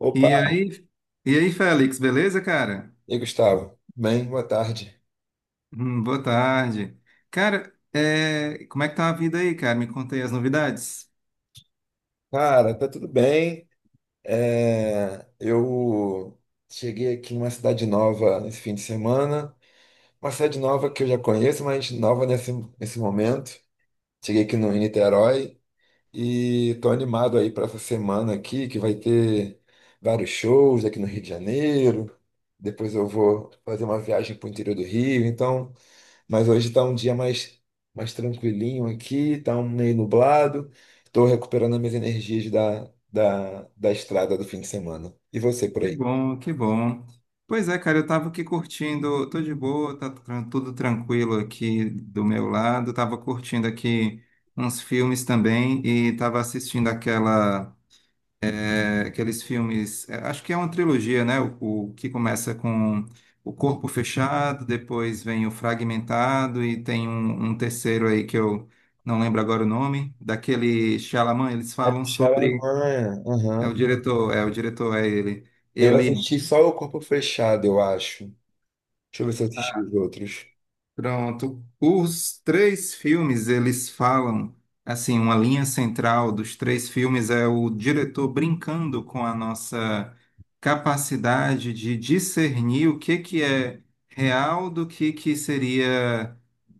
Opa, E aí, Félix, beleza, cara? e aí, Gustavo? Bem, boa tarde. Boa tarde. Cara, como é que tá a vida aí, cara? Me conta aí as novidades. Cara, tá tudo bem. Eu cheguei aqui numa cidade nova nesse fim de semana, uma cidade nova que eu já conheço, mas nova nesse momento. Cheguei aqui no, em Niterói e tô animado aí para essa semana aqui, que vai ter vários shows aqui no Rio de Janeiro. Depois eu vou fazer uma viagem para o interior do Rio, então. Mas hoje está um dia mais tranquilinho aqui, está um meio nublado. Estou recuperando as minhas energias da estrada do fim de semana. E você por Que aí? bom, que bom. Pois é, cara, eu tava aqui curtindo, tô de boa, tudo tranquilo aqui do meu lado. Tava curtindo aqui uns filmes também e tava assistindo aqueles filmes, acho que é uma trilogia, né? O que começa com o corpo fechado, depois vem o fragmentado e tem um terceiro aí que eu não lembro agora o nome, daquele Shyamalan, eles É falam Chalamanha. é o Aham. diretor, é o diretor, é ele. Eu Ele assisti só o Corpo Fechado, eu acho. Deixa eu ver se eu assisti os outros. Pronto. Os três filmes, eles falam, assim, uma linha central dos três filmes é o diretor brincando com a nossa capacidade de discernir o que que é real do que seria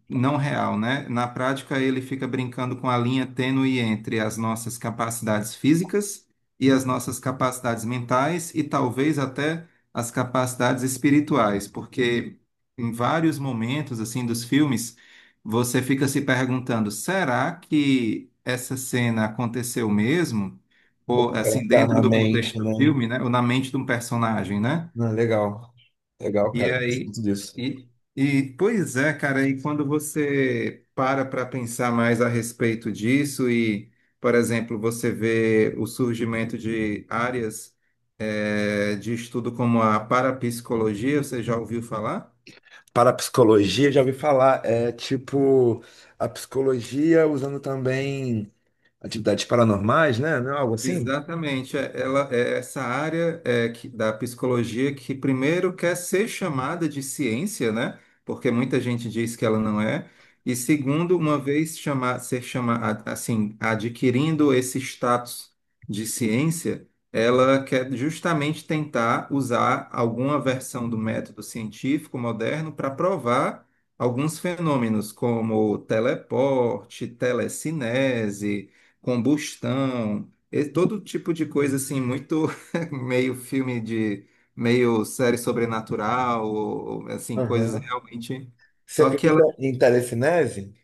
não real, né? Na prática, ele fica brincando com a linha tênue entre as nossas capacidades físicas e as nossas capacidades mentais e talvez até as capacidades espirituais, porque em vários momentos assim dos filmes, você fica se perguntando, será que essa cena aconteceu mesmo? Ou assim, dentro do Eternamente, contexto do né? filme, né? Ou na mente de um personagem, né? Não, legal. Legal, E cara. Eu gosto aí, muito disso. e, e pois é, cara, e quando você para para pensar mais a respeito disso e, por exemplo, você vê o surgimento de áreas de estudo como a parapsicologia, você já ouviu falar? Parapsicologia, já ouvi falar. É tipo a psicologia usando também atividades paranormais, né? Não é algo assim? Exatamente, ela é essa área da psicologia que primeiro quer ser chamada de ciência, né? Porque muita gente diz que ela não é. E segundo, uma vez chamar, ser chamada, assim, adquirindo esse status de ciência, ela quer justamente tentar usar alguma versão do método científico moderno para provar alguns fenômenos como teleporte, telecinese, combustão. E todo tipo de coisa assim, muito meio filme de meio série sobrenatural, ou, assim, coisas realmente. Você Só que acredita em telecinese?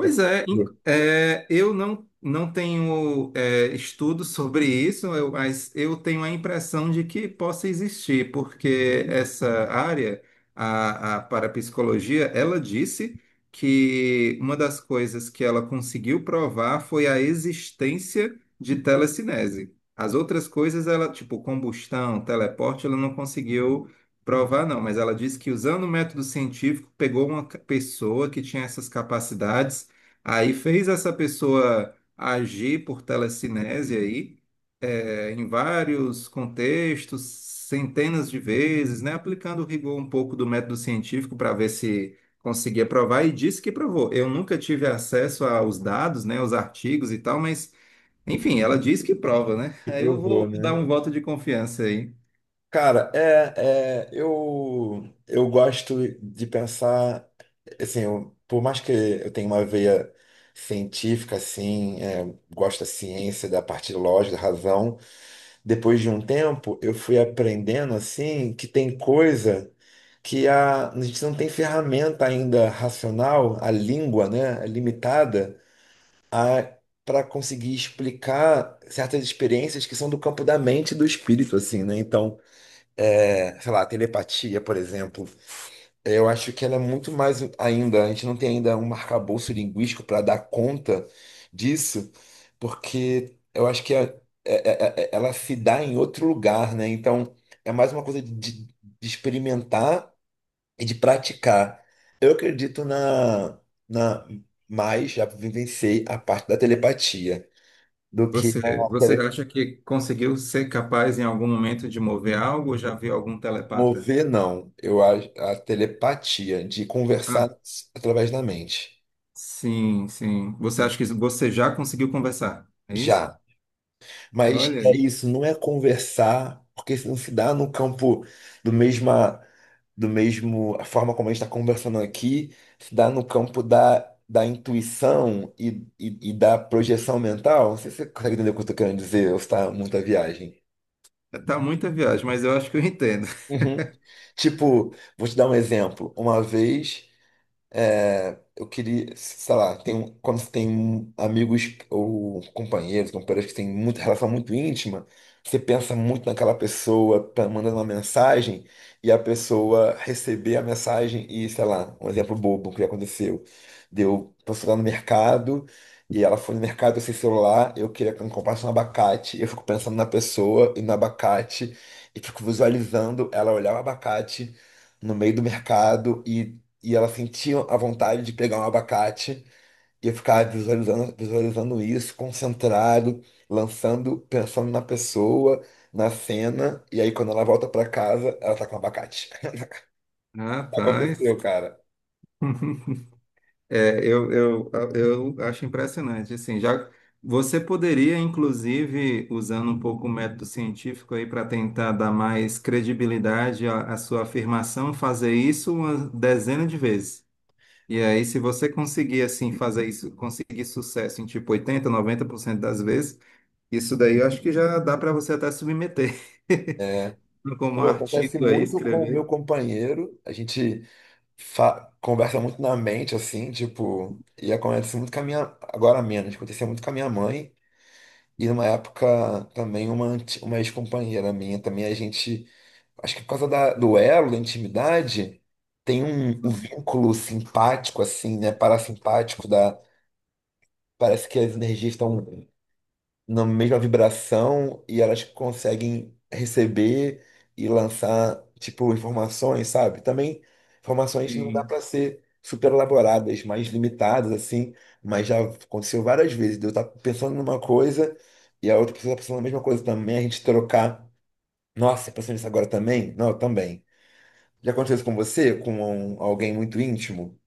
Que é- é, eu não tenho estudos sobre isso, mas eu tenho a impressão de que possa existir, porque essa área, a parapsicologia, ela disse que uma das coisas que ela conseguiu provar foi a existência de telecinese. As outras coisas, ela, tipo combustão, teleporte, ela não conseguiu provar, não, mas ela disse que usando o método científico, pegou pessoa que tinha essas capacidades. Aí fez essa pessoa agir por telecinese aí, em vários contextos, centenas de vezes, né? Aplicando o rigor um pouco do método científico para ver se conseguia provar e disse que provou. Eu nunca tive acesso aos dados, né, aos artigos e tal, mas enfim, ela diz que prova, né? que Aí eu provou, vou dar né? um voto de confiança aí. Cara, eu gosto de pensar, assim, por mais que eu tenha uma veia científica, assim, é, gosto da ciência, da parte lógica, da razão, depois de um tempo eu fui aprendendo, assim, que tem coisa que a gente não tem ferramenta ainda racional, a língua, né, é limitada, a para conseguir explicar certas experiências que são do campo da mente e do espírito, assim, né? Então, é, sei lá, a telepatia, por exemplo, eu acho que ela é muito mais ainda, a gente não tem ainda um arcabouço linguístico para dar conta disso, porque eu acho que ela se dá em outro lugar, né? Então, é mais uma coisa de experimentar e de praticar. Eu acredito na, mas já vivenciei a parte da telepatia do que Você, a você tele... acha que conseguiu ser capaz em algum momento de mover algo ou já viu algum telepata? Mover, não. Eu acho a telepatia de conversar Ah, através da mente. sim, sim. Você acha que Isso, você já conseguiu conversar? É isso? já. Mas Olha é aí. isso, não é conversar, porque isso não se dá no campo do mesma do mesmo a forma como a gente está conversando aqui, se dá no campo da, da intuição e da projeção mental. Não sei se você consegue entender o que eu estou querendo dizer, ou se está muita viagem. Tá muita viagem, mas eu acho que eu entendo. Uhum. Tipo, vou te dar um exemplo. Uma vez. É, eu queria, sei lá, tem, quando você tem amigos ou companheiros, companheiras que têm muita relação muito íntima, você pensa muito naquela pessoa, tá mandando uma mensagem, e a pessoa receber a mensagem e, sei lá, um exemplo bobo que aconteceu. Deu, a pessoa lá no mercado, e ela foi no mercado sem celular, eu queria que ela comprasse um abacate, eu fico pensando na pessoa e no abacate, e fico visualizando ela olhar o abacate no meio do mercado e ela sentia a vontade de pegar um abacate e eu ficava visualizando isso, concentrado, lançando, pensando na pessoa, na cena. E aí, quando ela volta para casa, ela tá com um abacate. Rapaz, Aconteceu, cara. eu acho impressionante. Assim, já você poderia, inclusive, usando um pouco o método científico aí para tentar dar mais credibilidade à sua afirmação, fazer isso uma dezena de vezes. E aí, se você conseguir assim fazer isso, conseguir sucesso em tipo 80, 90% das vezes, isso daí eu acho que já dá para você até submeter É. como Pô, acontece artigo aí, muito com o meu escrever. companheiro. A gente conversa muito na mente, assim, tipo. E acontece muito com a minha. Agora menos, acontecia muito com a minha mãe. E numa época também uma, uma ex-companheira minha também, a gente. Acho que por causa do elo, da intimidade, tem um vínculo simpático, assim, né? Parasimpático da. Parece que as energias estão na mesma vibração e elas conseguem receber e lançar, tipo, informações, sabe? Também informações não dá Sim. para ser super elaboradas, mais limitadas, assim, mas já aconteceu várias vezes, de eu estar pensando numa coisa e a outra pessoa tá pensando na mesma coisa também, a gente trocar. Nossa, pensando nisso agora também? Não, eu também. Já aconteceu isso com você? Com alguém muito íntimo?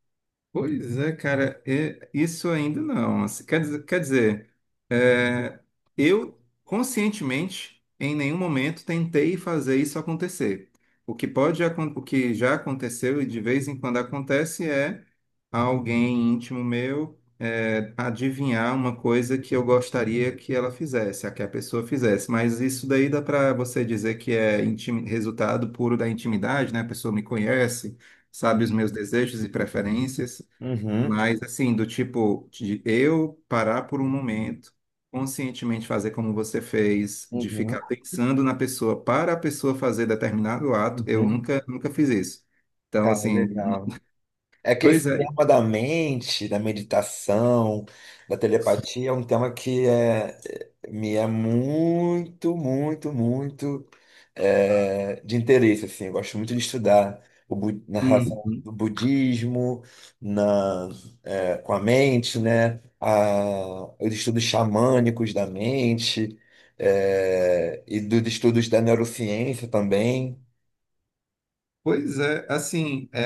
Pois é, cara, é- isso ainda não. Assim, Quer dizer. É, eu, conscientemente, em nenhum momento tentei fazer isso acontecer. O que já aconteceu e de vez em quando acontece é alguém íntimo meu adivinhar uma coisa que eu gostaria que ela fizesse, a que a pessoa fizesse. Mas isso daí dá para você dizer que é resultado puro da intimidade, né? A pessoa me conhece, sabe os meus desejos e preferências. Uhum, Mas assim, do tipo de eu parar por um momento, conscientemente fazer como você fez, de uhum, ficar pensando na pessoa para a pessoa fazer determinado ato, eu uhum. nunca, nunca fiz isso. Então, Cara, assim, legal. É que pois esse é. tema da mente, da meditação, da telepatia é um tema que é, me é muito é, de interesse, assim. Eu gosto muito de estudar o, na relação Uhum. do budismo, na, é, com a mente, né? A, os estudos xamânicos da mente, é, e dos estudos da neurociência também. Pois é, assim, é,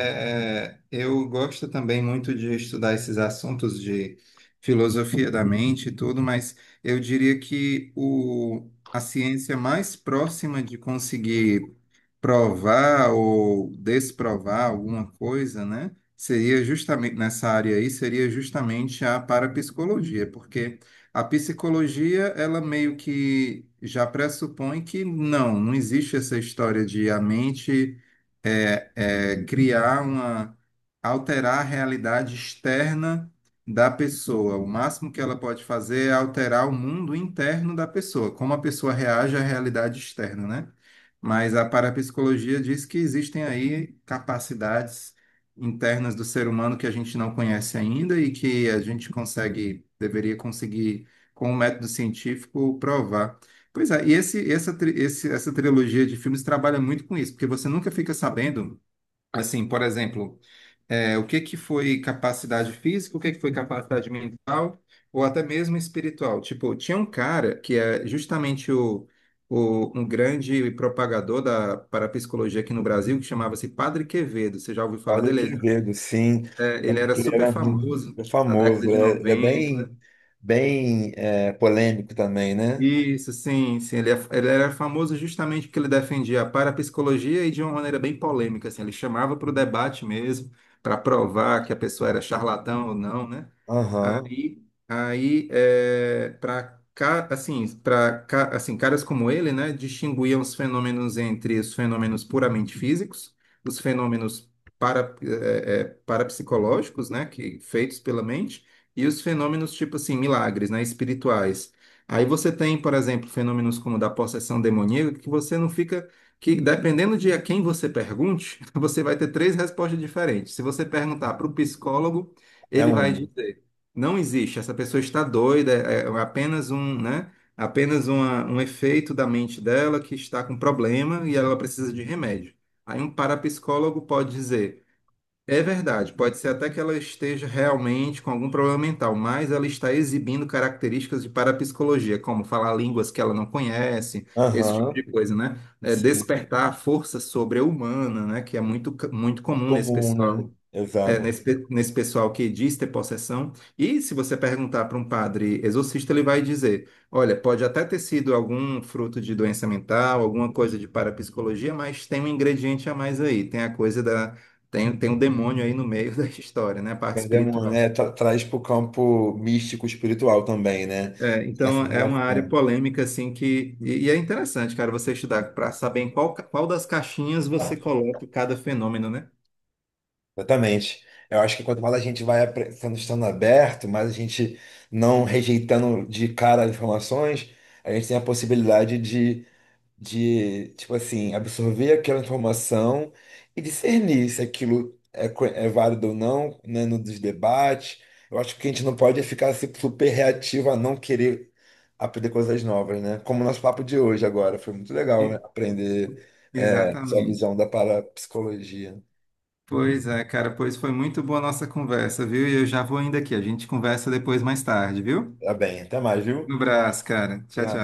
é, eu gosto também muito de estudar esses assuntos de filosofia da mente e tudo, mas eu diria que a ciência mais próxima de conseguir provar ou desprovar alguma coisa, né? Seria justamente nessa área aí, seria justamente a parapsicologia, porque a psicologia, ela meio que já pressupõe que não existe essa história de a mente criar uma, alterar a realidade externa da pessoa. O máximo que ela pode fazer é alterar o mundo interno da pessoa, como a pessoa reage à realidade externa, né? Mas a parapsicologia diz que existem aí capacidades internas do ser humano que a gente não conhece ainda e que a gente consegue, deveria conseguir, com o método científico, provar. Pois é, e esse, essa, tri- esse- essa trilogia de filmes trabalha muito com isso, porque você nunca fica sabendo, assim, por exemplo. É, o que que foi capacidade física, o que que foi capacidade mental, ou até mesmo espiritual. Tipo, tinha um cara que é justamente um grande propagador da parapsicologia aqui no Brasil, que chamava-se Padre Quevedo. Você já ouviu falar Olha dele? que Ele, Quevedo, sim, é, ele não, era que ele super era muito famoso na década famoso, de é, ele é noventa bem, bem é, polêmico também, né? Isso, sim, sim. Ele era famoso justamente porque ele defendia a parapsicologia e de uma maneira bem polêmica, assim. Ele chamava para o debate mesmo, para provar que a pessoa era charlatão ou não, né? Aham, Aí, aí para para assim, caras como ele, né, distinguiam os fenômenos entre os fenômenos puramente físicos, os fenômenos parapsicológicos, né, que feitos pela mente, e os fenômenos tipo assim, milagres, né, espirituais. Aí você tem, por exemplo, fenômenos como o da possessão demoníaca, que você não fica, que dependendo de a quem você pergunte, você vai ter três respostas diferentes. Se você perguntar para o psicólogo, é ele vai uma. dizer, não existe, essa pessoa está doida, é apenas um, né? Apenas um efeito da mente dela que está com problema e ela precisa de remédio. Aí um parapsicólogo pode dizer é verdade, pode ser até que ela esteja realmente com algum problema mental, mas ela está exibindo características de parapsicologia, como falar línguas que ela não conhece, esse tipo de Aham, coisa, né? É, sim, despertar a força sobre-humana, né? Que é muito comum nesse comum, né? pessoal é, Exato. nesse, pe- nesse pessoal que diz ter possessão. E se você perguntar para um padre exorcista, ele vai dizer: olha, pode até ter sido algum fruto de doença mental, alguma coisa de parapsicologia, mas tem um ingrediente a mais aí, tem a coisa da. Tem um demônio aí no meio da história, né? A parte Perdemos, espiritual. né? Tra traz para o campo místico espiritual também, né? É, Essa então é uma área relação. polêmica assim que e é interessante, cara, você estudar para saber em qual das caixinhas você coloca cada fenômeno, né? Exatamente. Eu acho que quanto mais a gente vai sendo estando aberto, mais a gente não rejeitando de cara as informações, a gente tem a possibilidade de, tipo assim, absorver aquela informação e discernir se aquilo é válido ou não, né, no dos debates. Eu acho que a gente não pode ficar assim, super reativo a não querer aprender coisas novas, né? Como o nosso papo de hoje agora, foi muito legal, né? E- Aprender é, sua Exatamente. visão da parapsicologia. Pois é, cara, pois foi muito boa a nossa conversa, viu? E eu já vou indo aqui. A gente conversa depois mais tarde, viu? Tá bem, até mais, viu? No braço, cara. Tchau, tchau.